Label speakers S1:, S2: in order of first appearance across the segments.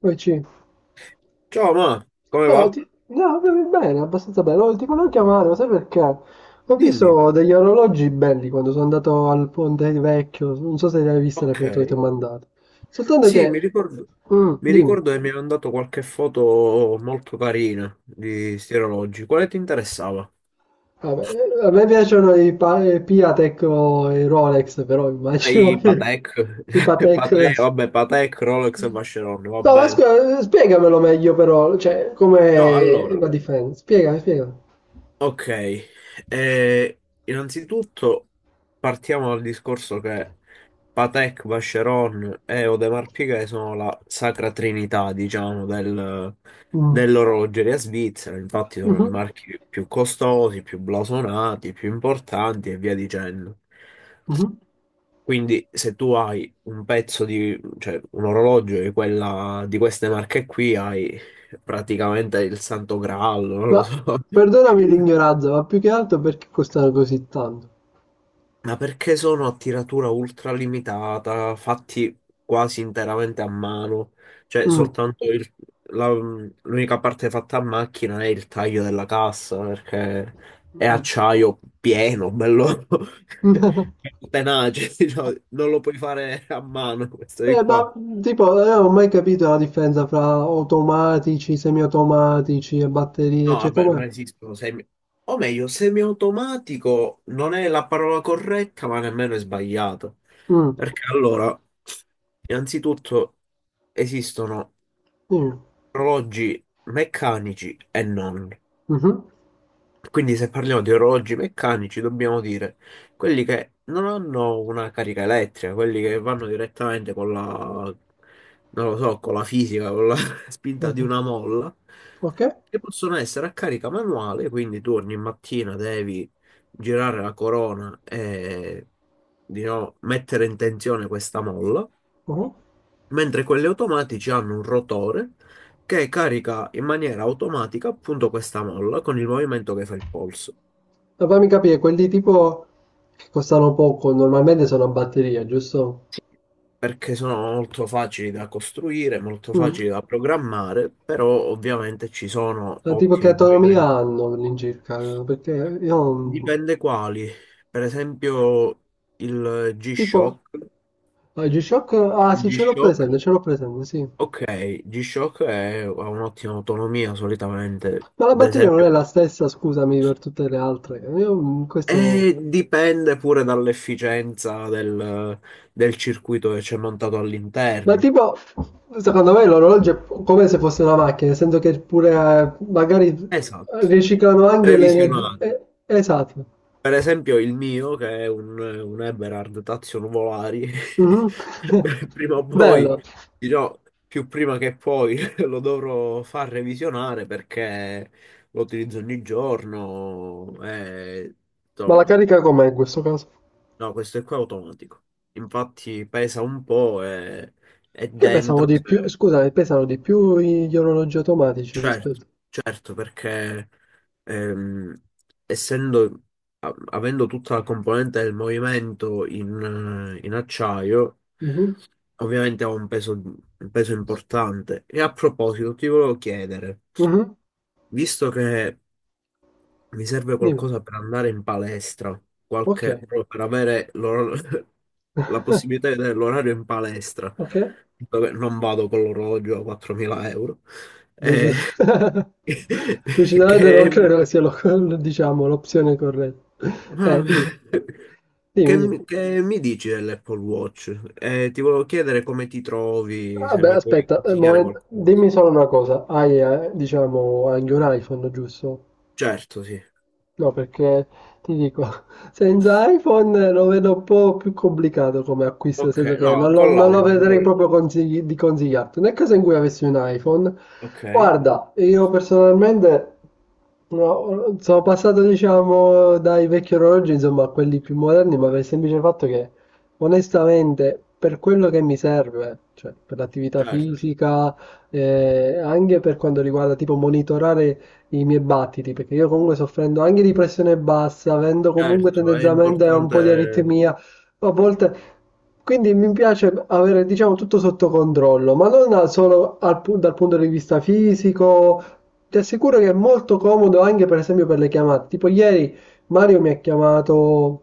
S1: Poi ci-
S2: Ciao, ma come
S1: No,
S2: va?
S1: no, bene, abbastanza bene. No, ti volevo chiamare, ma sai perché? Ho
S2: Dimmi.
S1: visto degli orologi belli quando sono andato al Ponte Vecchio. Non so se ne hai viste le
S2: Ok.
S1: foto che ti ho mandato. Soltanto
S2: Sì, mi
S1: che...
S2: ricordo,
S1: Mm,
S2: mi
S1: dimmi.
S2: ricordo che mi hai mandato qualche foto molto carina di sti orologi. Quale ti interessava?
S1: Vabbè, a me piacciono i Piatek o i Rolex, però immagino
S2: I
S1: che
S2: Patek.
S1: i Patek...
S2: Patek, vabbè, Patek, Rolex e Vacheron, va
S1: No, ma
S2: bene.
S1: scusa, spiegamelo meglio però, cioè,
S2: No,
S1: com'è
S2: allora,
S1: la differenza. Spiega, spiega.
S2: ok. Innanzitutto partiamo dal discorso che Patek, Vacheron e Audemars Piguet sono la sacra trinità, diciamo,
S1: Mm.
S2: dell'orologeria svizzera. Infatti sono i
S1: Mhm,
S2: marchi più costosi, più blasonati, più importanti e via dicendo.
S1: mhm.
S2: Quindi se tu hai un pezzo di, cioè un orologio di queste marche qui, hai praticamente il Santo Graal, non lo
S1: Ma
S2: so.
S1: perdonami l'ignoranza, ma più che altro perché costano così tanto?
S2: Ma perché sono a tiratura ultralimitata, fatti quasi interamente a mano? Cioè,
S1: Mm.
S2: soltanto la- l'unica parte fatta a macchina è il taglio della cassa, perché è
S1: Mm.
S2: acciaio pieno, bello, tenace, diciamo. Non lo puoi fare a mano questo di qua.
S1: Ma tipo, io non ho mai capito la differenza fra automatici, semiautomatici e batterie,
S2: No,
S1: cioè
S2: vabbè,
S1: com'è?
S2: non esistono semi... O meglio, semiautomatico non è la parola corretta, ma nemmeno è sbagliata.
S1: Mm.
S2: Perché allora... Innanzitutto esistono
S1: Sì.
S2: orologi meccanici e non.
S1: Mhm.
S2: Quindi se parliamo di orologi meccanici dobbiamo dire quelli che non hanno una carica elettrica, quelli che vanno direttamente con la, non lo so, con la fisica, con la spinta
S1: Eh,
S2: di una molla,
S1: ok.
S2: che possono essere a carica manuale, quindi tu ogni mattina devi girare la corona e, diciamo, mettere in tensione questa molla.
S1: Mhm.
S2: Mentre quelli automatici hanno un rotore che carica in maniera automatica appunto questa molla con il movimento che fa il polso.
S1: Ma fammi capire, quelli tipo che costano poco, normalmente sono a batteria, giusto?
S2: Sì. Perché sono molto facili da costruire, molto
S1: Mm.
S2: facili da programmare, però ovviamente ci sono
S1: Ma tipo che
S2: ottimi
S1: autonomia
S2: movimenti.
S1: hanno all'incirca? Perché io non-
S2: Dipende quali. Per esempio il
S1: tipo...
S2: G-Shock.
S1: Ah, il G-Shock? Ah,
S2: Il
S1: sì,
S2: G-Shock,
S1: ce l'ho presente, sì.
S2: ok, G-Shock ha un'ottima autonomia solitamente.
S1: Ma la
S2: Ad
S1: batteria non è
S2: esempio.
S1: la stessa, scusami, per tutte le altre. Io questo no.
S2: E dipende pure dall'efficienza del circuito che c'è montato
S1: Ma
S2: all'interno.
S1: tipo, secondo me l'orologio è come se fosse una macchina, nel senso che pure magari
S2: Esatto.
S1: riciclano anche le energie.
S2: Previsionale.
S1: Eh, esatto.
S2: Per esempio il mio, che è un Eberhard Tazio Nuvolari,
S1: Mhm.
S2: prima o poi,
S1: Bello.
S2: dirò più prima che poi, lo dovrò far revisionare perché lo utilizzo ogni giorno e,
S1: Ma la
S2: insomma,
S1: carica com'è in questo caso?
S2: no, questo è qua automatico. Infatti pesa un po' e... E
S1: Che pesano
S2: dentro,
S1: di più,
S2: se-.
S1: scusami, pesano di più gli orologi automatici
S2: Certo,
S1: rispetto.
S2: certo, perché ehm, essendo, avendo tutta la componente del movimento in acciaio,
S1: Mhm.
S2: ovviamente ha un peso importante. E a proposito, ti volevo chiedere,
S1: Mhm.
S2: visto che mi serve
S1: Dimmi.
S2: qualcosa per andare in palestra,
S1: Ok.
S2: qualche, proprio per avere la possibilità di vedere l'orario in palestra,
S1: Ok.
S2: dove non vado con l'orologio a 4.000 euro, eh,
S1: Dece- Decisamente non
S2: che, mi-
S1: credo che sia diciamo, l'opzione corretta. Dimmi,
S2: che
S1: dimmi, dimmi.
S2: mi che mi dici dell'Apple Watch? Ti volevo chiedere come ti trovi, se
S1: Vabbè,
S2: mi puoi
S1: aspetta,
S2: consigliare qualcosa.
S1: dimmi solo una cosa. Hai, diciamo, anche un iPhone, giusto?
S2: Certo, sì.
S1: No, perché ti dico, senza iPhone lo vedo un po' più complicato come acquisto, nel
S2: Ok,
S1: senso che non
S2: no,
S1: lo,
S2: con
S1: non lo
S2: l'iPhone,
S1: vedrei proprio di consigliarti. Nel caso in cui avessi un iPhone,
S2: ok,
S1: guarda, io personalmente no, sono passato, diciamo, dai vecchi orologi, insomma, a quelli più moderni, ma per il semplice fatto che, onestamente, per quello che mi serve, cioè per l'attività
S2: certo,
S1: fisica, anche per quanto riguarda tipo monitorare i miei battiti, perché io comunque soffrendo anche di pressione bassa, avendo comunque
S2: certo, è
S1: tendenzialmente un po' di
S2: importante.
S1: aritmia, a volte... Quindi mi piace avere, diciamo, tutto sotto controllo, ma non al- solo dal punto di vista fisico. Ti assicuro che è molto comodo anche, per esempio, per le chiamate. Tipo ieri Mario mi ha chiamato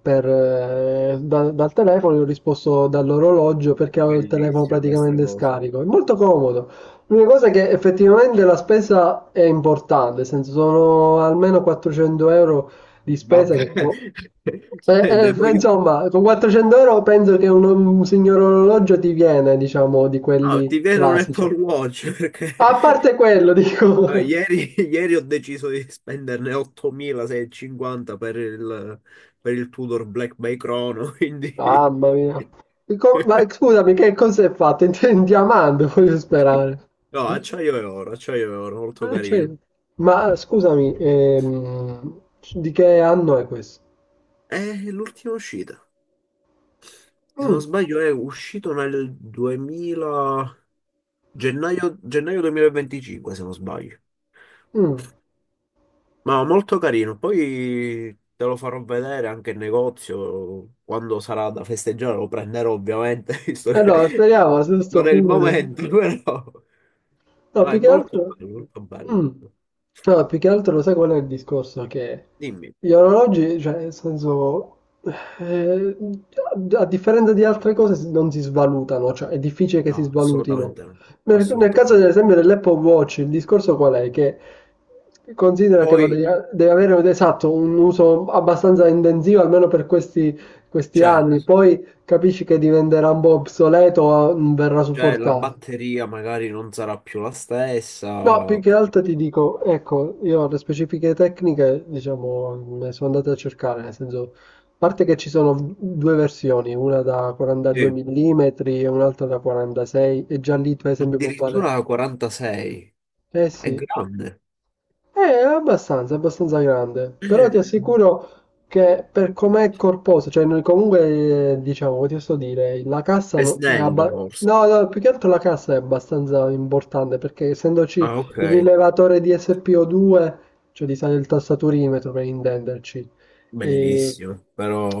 S1: per, dal telefono, gli ho risposto dall'orologio perché avevo il telefono
S2: Bellissima questa
S1: praticamente
S2: cosa.
S1: scarico. È molto comodo. L'unica cosa è che effettivamente la spesa è importante, nel senso sono almeno 400 euro di spesa
S2: Vabbè.
S1: che...
S2: Cioè, ne voglio...
S1: Insomma, con 400 euro penso che un signor orologio ti viene, diciamo, di
S2: Ah, ti
S1: quelli
S2: viene un
S1: classici.
S2: Apple Watch perché
S1: A parte quello,
S2: allora,
S1: dico...
S2: ieri ho deciso di spenderne 8.650 per il Tudor Black Bay Chrono, quindi...
S1: Mamma mia. Ma scusami, che cosa è fatto? In diamante, voglio sperare.
S2: No, acciaio e oro, molto
S1: Ah,
S2: carino.
S1: certo. Ma scusami, di che anno è questo?
S2: È l'ultima uscita. Se non
S1: Mm,
S2: sbaglio è uscito nel 2000... Gennaio, gennaio 2025, se non sbaglio.
S1: mm.
S2: Ma molto carino, poi te lo farò vedere anche in negozio quando sarà da festeggiare, lo prenderò ovviamente, visto
S1: Allora,
S2: che
S1: speriamo a questo
S2: non è il
S1: punto.
S2: momento, però
S1: No,
S2: no, è
S1: più che
S2: molto
S1: altro...
S2: bello, molto bello.
S1: Mm. No, più che altro lo sai qual è il discorso? Che
S2: Dimmi,
S1: gli orologi, cioè, nel senso, eh, a a differenza di altre cose non si svalutano, cioè è difficile che si
S2: no,
S1: svalutino.
S2: assolutamente no,
S1: Nel caso, ad
S2: assolutamente no.
S1: esempio, dell'Apple Watch, il discorso qual è? Che considera che lo
S2: Poi,
S1: devi avere esatto, un uso abbastanza intensivo, almeno per questi anni,
S2: certo,
S1: poi capisci che diventerà un po' obsoleto o non verrà
S2: cioè la
S1: supportato.
S2: batteria magari non sarà più la
S1: No,
S2: stessa,
S1: più che
S2: perché-
S1: altro ti dico, ecco, io le specifiche tecniche, diciamo, me sono andate a cercare, nel senso, a parte che ci sono due versioni, una da 42
S2: sì,
S1: mm e un'altra da 46, e già lì per esempio può valere.
S2: addirittura 46,
S1: Eh
S2: è
S1: sì,
S2: grande.
S1: è abbastanza, abbastanza grande, però ti
S2: Eh,
S1: assicuro che per com'è corposo, cioè noi comunque, diciamo, che ti sto a dire, la cassa
S2: è
S1: no- è
S2: snello
S1: abba-
S2: forse.
S1: no, no, più che altro la cassa è abbastanza importante perché essendoci
S2: Ah, ok.
S1: il rilevatore di SPO2, cioè di sale il tastaturimetro per intenderci, e,
S2: Bellissimo,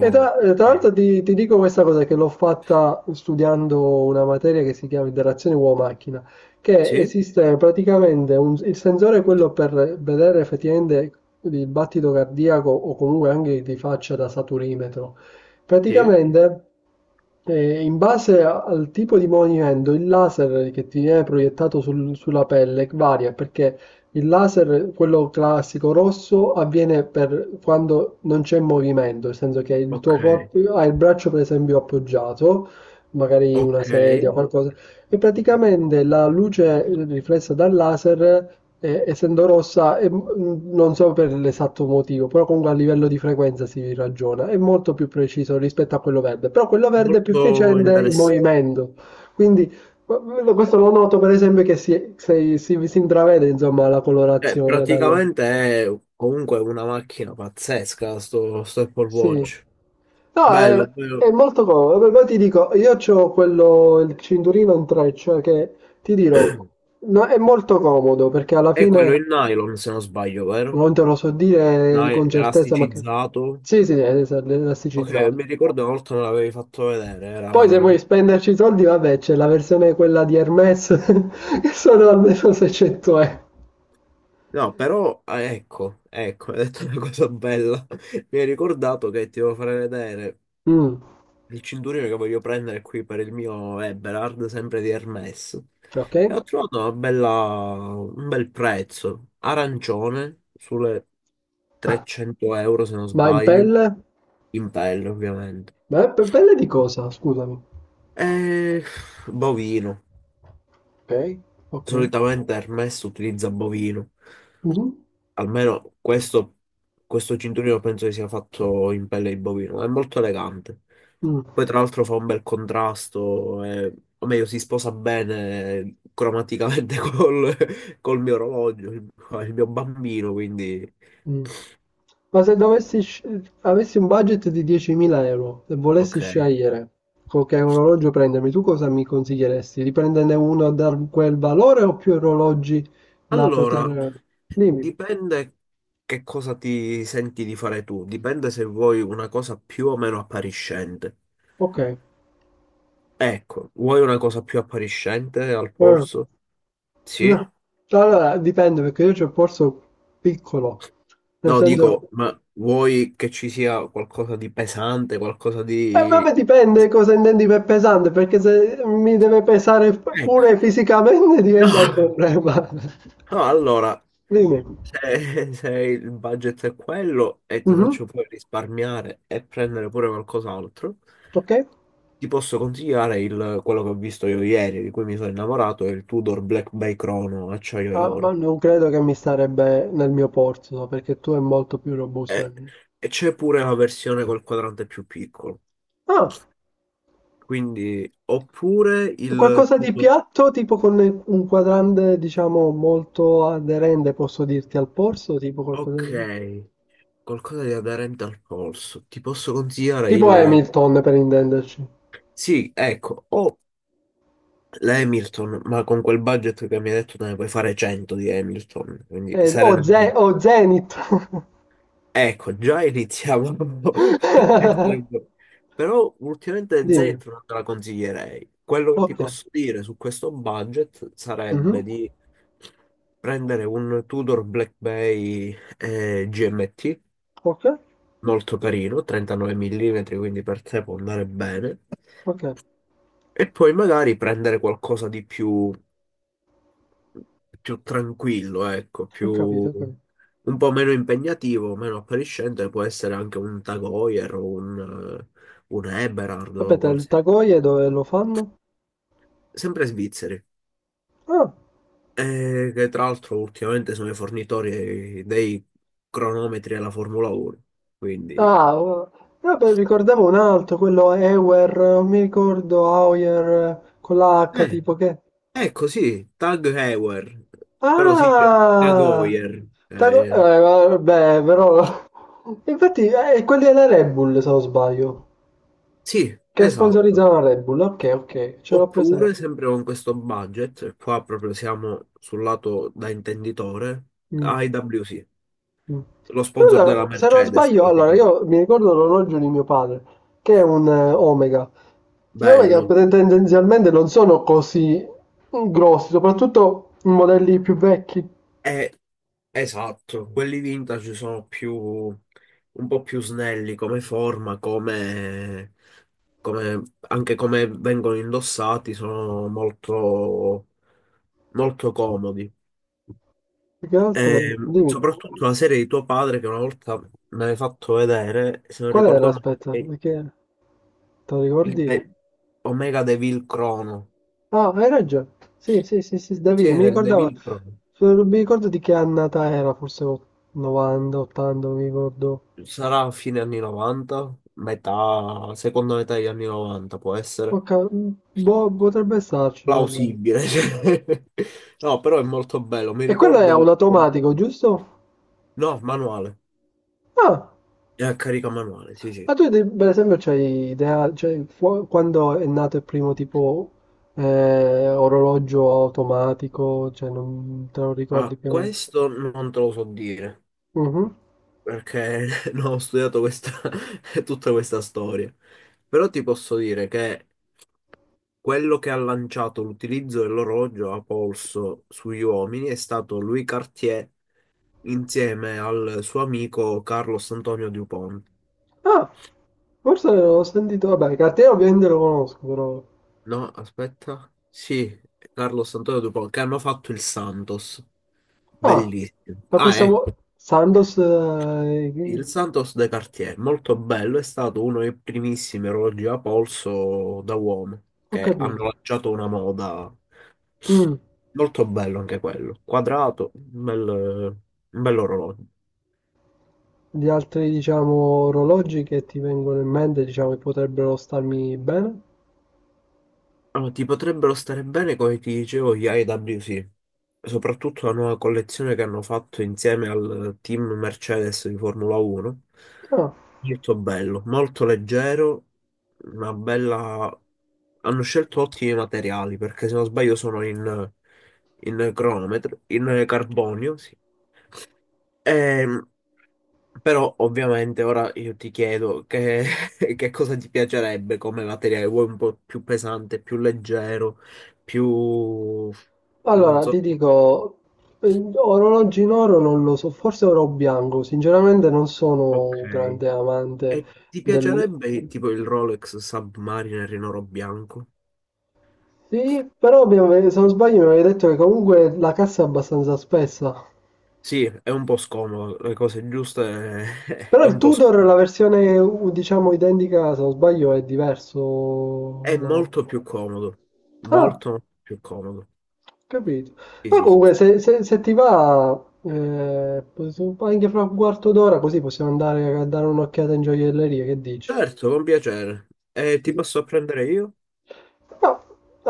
S1: e tra, e tra
S2: ok.
S1: l'altro ti dico questa cosa che l'ho fatta studiando una materia che si chiama interazione uomo-macchina, che
S2: Sì,
S1: esiste praticamente il sensore è quello per vedere effettivamente il battito cardiaco o comunque anche di faccia da saturimetro.
S2: sì,
S1: Praticamente, in base al tipo di movimento, il laser che ti viene proiettato sulla pelle varia perché il laser, quello classico rosso, avviene per quando non c'è movimento, nel senso che il tuo
S2: ok,
S1: corpo ha il braccio per esempio appoggiato magari una
S2: ok.
S1: sedia o qualcosa, e praticamente la luce riflessa dal laser, essendo rossa, è non so per l'esatto motivo, però comunque a livello di frequenza si ragiona, è molto più preciso rispetto a quello verde, però quello verde è più
S2: Molto
S1: efficiente in
S2: interessante.
S1: movimento, quindi questo lo noto per esempio che si intravede insomma la
S2: Cioè,
S1: colorazione dal...
S2: praticamente è comunque una macchina pazzesca, sto Apple
S1: Sì.
S2: Watch.
S1: No,
S2: Bello,
S1: è
S2: bello.
S1: molto comodo. Poi ti dico, io c'ho quello, il cinturino in treccia che ti dirò, no, è molto comodo perché alla
S2: È quello
S1: fine
S2: in nylon, se non sbaglio, vero?
S1: non te lo so dire
S2: No, è
S1: con certezza, ma che...
S2: elasticizzato.
S1: Sì, sì, è
S2: Ok,
S1: elasticizzato.
S2: mi ricordo una volta me l'avevi fatto vedere,
S1: Poi se
S2: era...
S1: vuoi spenderci i soldi, vabbè, c'è la versione quella di Hermes che sono almeno 600 euro.
S2: No, però, ah, ecco, ecco, hai detto una cosa bella. Mi hai ricordato che ti devo fare vedere
S1: Mm,
S2: il cinturino che voglio prendere qui per il mio Eberhard, sempre di Hermes.
S1: ok.
S2: E ho trovato un bel prezzo, arancione, sulle 300 euro se non
S1: Ma in
S2: sbaglio,
S1: pelle?
S2: in pelle ovviamente.
S1: Ma in pelle di cosa? Scusami.
S2: E bovino,
S1: Ok, ok.
S2: solitamente Hermes utilizza bovino.
S1: Mhm.
S2: Almeno questo cinturino penso che sia fatto in pelle di bovino, è molto elegante.
S1: Mh,
S2: Poi tra l'altro fa un bel contrasto, o meglio si sposa bene cromaticamente col mio orologio, il mio bambino, quindi
S1: mh. Ma se dovessi sce avessi un budget di 10.000 € e volessi
S2: ok.
S1: scegliere co che orologio prendermi, tu cosa mi consiglieresti? Di prenderne uno da quel valore o più orologi da
S2: Allora,
S1: poter... Dimmi.
S2: dipende che cosa ti senti di fare tu, dipende se vuoi una cosa più o meno appariscente.
S1: Ok.
S2: Ecco, vuoi una cosa più appariscente al polso? Sì?
S1: No. Allora, dipende perché io c'ho il polso piccolo, nel
S2: No,
S1: senso...
S2: dico, ma vuoi che ci sia qualcosa di pesante, qualcosa
S1: E
S2: di...
S1: vabbè dipende cosa intendi per pesante, perché se mi deve pesare
S2: Ecco.
S1: pure fisicamente
S2: No,
S1: diventa un problema.
S2: no, allora,
S1: Dimmi.
S2: se il budget è quello e ti
S1: Mhm.
S2: faccio poi risparmiare e prendere pure qualcos'altro,
S1: Ok.
S2: ti posso consigliare quello che ho visto io ieri, di cui mi sono innamorato, è il Tudor Black Bay Chrono acciaio e
S1: Ah, ma
S2: oro.
S1: non credo che mi starebbe nel mio porto, perché tu è molto più robusto del
S2: E,
S1: mio.
S2: e c'è pure la versione col quadrante più piccolo.
S1: Ah,
S2: Quindi, oppure il
S1: qualcosa di
S2: Tudor...
S1: piatto, tipo con un quadrante, diciamo, molto aderente, posso dirti, al polso, tipo qualcosa
S2: Ok.
S1: del...
S2: Qualcosa di aderente al polso. Ti posso consigliare
S1: Tipo
S2: il...
S1: Hamilton, per intenderci.
S2: Sì, ecco, o l'Hamilton, ma con quel budget che mi hai detto te ne puoi fare 100 di Hamilton, quindi
S1: O, Ze-
S2: serenamente.
S1: o Zenith.
S2: Ecco, già iniziamo a essere un po'. Però ultimamente
S1: Dimmi.
S2: Zeta non te la consiglierei. Quello che ti
S1: Ok.
S2: posso dire su questo budget
S1: Mhm.
S2: sarebbe di prendere un Tudor Black Bay GMT
S1: Ok,
S2: molto carino, 39 mm, quindi per te può andare bene.
S1: ok.
S2: E poi magari prendere qualcosa di più, più tranquillo, ecco,
S1: Ho
S2: più,
S1: capito. Ho capito.
S2: un po' meno impegnativo, meno appariscente, può essere anche un Tag Heuer o un Eberhard o
S1: Aspetta, il
S2: qualsiasi.
S1: Tagoie dove lo fanno?
S2: Sempre svizzeri.
S1: Ah.
S2: Che tra l'altro ultimamente sono i fornitori dei cronometri alla Formula 1, quindi...
S1: Ah, oh. Vabbè, ricordavo un altro, quello Ewer, non mi ricordo, Auer, con la H,
S2: Eh.
S1: tipo che...
S2: Ecco, sì, Tag Heuer, però sì, cioè, Tag
S1: Ah!
S2: Heuer,
S1: Vabbè, però... Infatti, quelli della Red Bull, se non sbaglio,
S2: sì,
S1: che
S2: esatto.
S1: sponsorizzano la Red Bull, ok, ok, ce l'ho presente.
S2: Oppure, sempre con questo budget, e qua proprio siamo sul lato da intenditore,
S1: Mm.
S2: AEWC,
S1: Mh.
S2: lo sponsor della
S1: Però se non
S2: Mercedes,
S1: sbaglio, allora
S2: praticamente.
S1: io mi ricordo l'orologio di mio padre, che è un Omega. Gli Omega
S2: Bello.
S1: tendenzialmente non sono così grossi, soprattutto i modelli più vecchi.
S2: E esatto, quelli vintage sono un po' più snelli come forma, come, come- anche come vengono indossati, sono molto, molto comodi.
S1: Più che
S2: E,
S1: altro, dimmi,
S2: soprattutto la serie di tuo padre che una volta me l'hai fatto vedere, se non
S1: qual era?
S2: ricordo male,
S1: Aspetta,
S2: è
S1: perché te lo
S2: il
S1: ricordi?
S2: De- Omega Devil Chrono.
S1: Ah, hai ragione. Sì, sì, sì, sì,
S2: Sì,
S1: Davide, mi
S2: era il
S1: ricordava,
S2: Devil Chrono.
S1: mi ricordo di che annata era, forse 90, 80, mi ricordo.
S2: Sarà a fine anni 90, metà, seconda metà degli anni 90 può essere,
S1: Ok, boh, potrebbe starci, guarda.
S2: plausibile. Cioè. No, però è molto bello. Mi
S1: E quello è
S2: ricordo.
S1: un automatico, giusto?
S2: No, manuale.
S1: Ah,
S2: È a carica manuale, sì, sì.
S1: ma tu per esempio c'hai idea, cioè, quando è nato il primo tipo orologio automatico, cioè non te lo ricordi
S2: Ah,
S1: più o meno?
S2: questo non te lo so dire
S1: Mhm.
S2: perché non ho studiato questa, tutta questa storia. Però ti posso dire che quello che ha lanciato l'utilizzo dell'orologio a polso sugli uomini è stato Louis Cartier insieme al suo amico Carlos Antonio Dupont.
S1: Ah, forse l'ho sentito, vabbè, cartiere ovviamente lo conosco, però...
S2: No, aspetta. Sì, Carlos Antonio Dupont, che hanno fatto il Santos.
S1: Ah,
S2: Bellissimo.
S1: ma
S2: Ah,
S1: questo...
S2: ecco.
S1: Sandoz...
S2: Il Santos de Cartier, molto bello, è stato uno dei primissimi orologi a polso da uomo,
S1: ho
S2: che hanno
S1: capito.
S2: lanciato una moda.
S1: Mm.
S2: Molto bello anche quello. Quadrato, un bell'orologio.
S1: Gli altri, diciamo, orologi che ti vengono in mente, diciamo, che potrebbero starmi bene?
S2: Allora, ti potrebbero stare bene, come ti dicevo, gli IWC, soprattutto la nuova collezione che hanno fatto insieme al team Mercedes di Formula 1.
S1: Ah.
S2: Molto bello, molto leggero, una bella... Hanno scelto ottimi materiali, perché se non sbaglio sono in cronometro, in carbonio, sì. Ehm, però ovviamente ora io ti chiedo che, che cosa ti piacerebbe come materiale, vuoi un po' più pesante, più leggero, più... non
S1: Allora, ti
S2: so,
S1: dico, orologi in oro non lo so, forse oro bianco, sinceramente non sono
S2: ok.
S1: un grande amante
S2: E ti
S1: del...
S2: piacerebbe tipo il Rolex Submariner in oro bianco?
S1: Sì, però mi se non sbaglio mi avevi detto che comunque la cassa è abbastanza spessa.
S2: Sì, è un po' scomodo, le cose giuste è,
S1: Però
S2: è
S1: il
S2: un po'
S1: Tudor, la
S2: scomodo.
S1: versione diciamo identica, se non sbaglio, è diverso,
S2: È
S1: no?
S2: molto più comodo,
S1: Ah,
S2: molto più comodo.
S1: capito.
S2: Sì,
S1: Ma
S2: sì, sì.
S1: comunque, se ti va, anche fra un quarto d'ora, così possiamo andare a dare un'occhiata in gioielleria. Che dici?
S2: Certo, con piacere. E ti
S1: Sì.
S2: posso prendere io?
S1: No,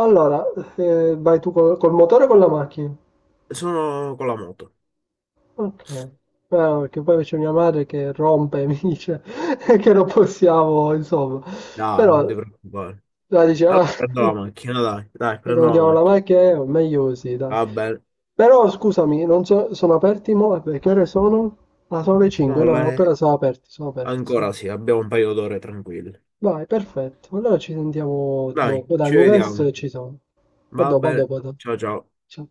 S1: allora, vai tu col motore o con la macchina?
S2: Sono con la moto.
S1: Ok. Ah, perché poi c'è mia madre che rompe e mi dice che non possiamo, insomma.
S2: Dai, non
S1: Però,
S2: ti preoccupare.
S1: la dice,
S2: Allora
S1: ah,
S2: prendo la macchina, dai, dai,
S1: Poi
S2: prendo
S1: quando
S2: la
S1: diamo la
S2: macchina.
S1: macchina, meglio così, dai.
S2: Va bene.
S1: Però scusami, non so, sono aperti mo? Beh, che ore sono? Ah, sono le 5,
S2: No,
S1: no, no, ancora
S2: le-
S1: sono aperti, sì.
S2: Ancora sì, abbiamo un paio d'ore tranquille.
S1: Vai, perfetto. Allora ci sentiamo
S2: Dai,
S1: dopo. Dai,
S2: ci
S1: mi vesto
S2: vediamo.
S1: e ci sono. A
S2: Va
S1: dopo, a
S2: bene.
S1: dopo, a dopo.
S2: Ciao ciao.
S1: Ciao.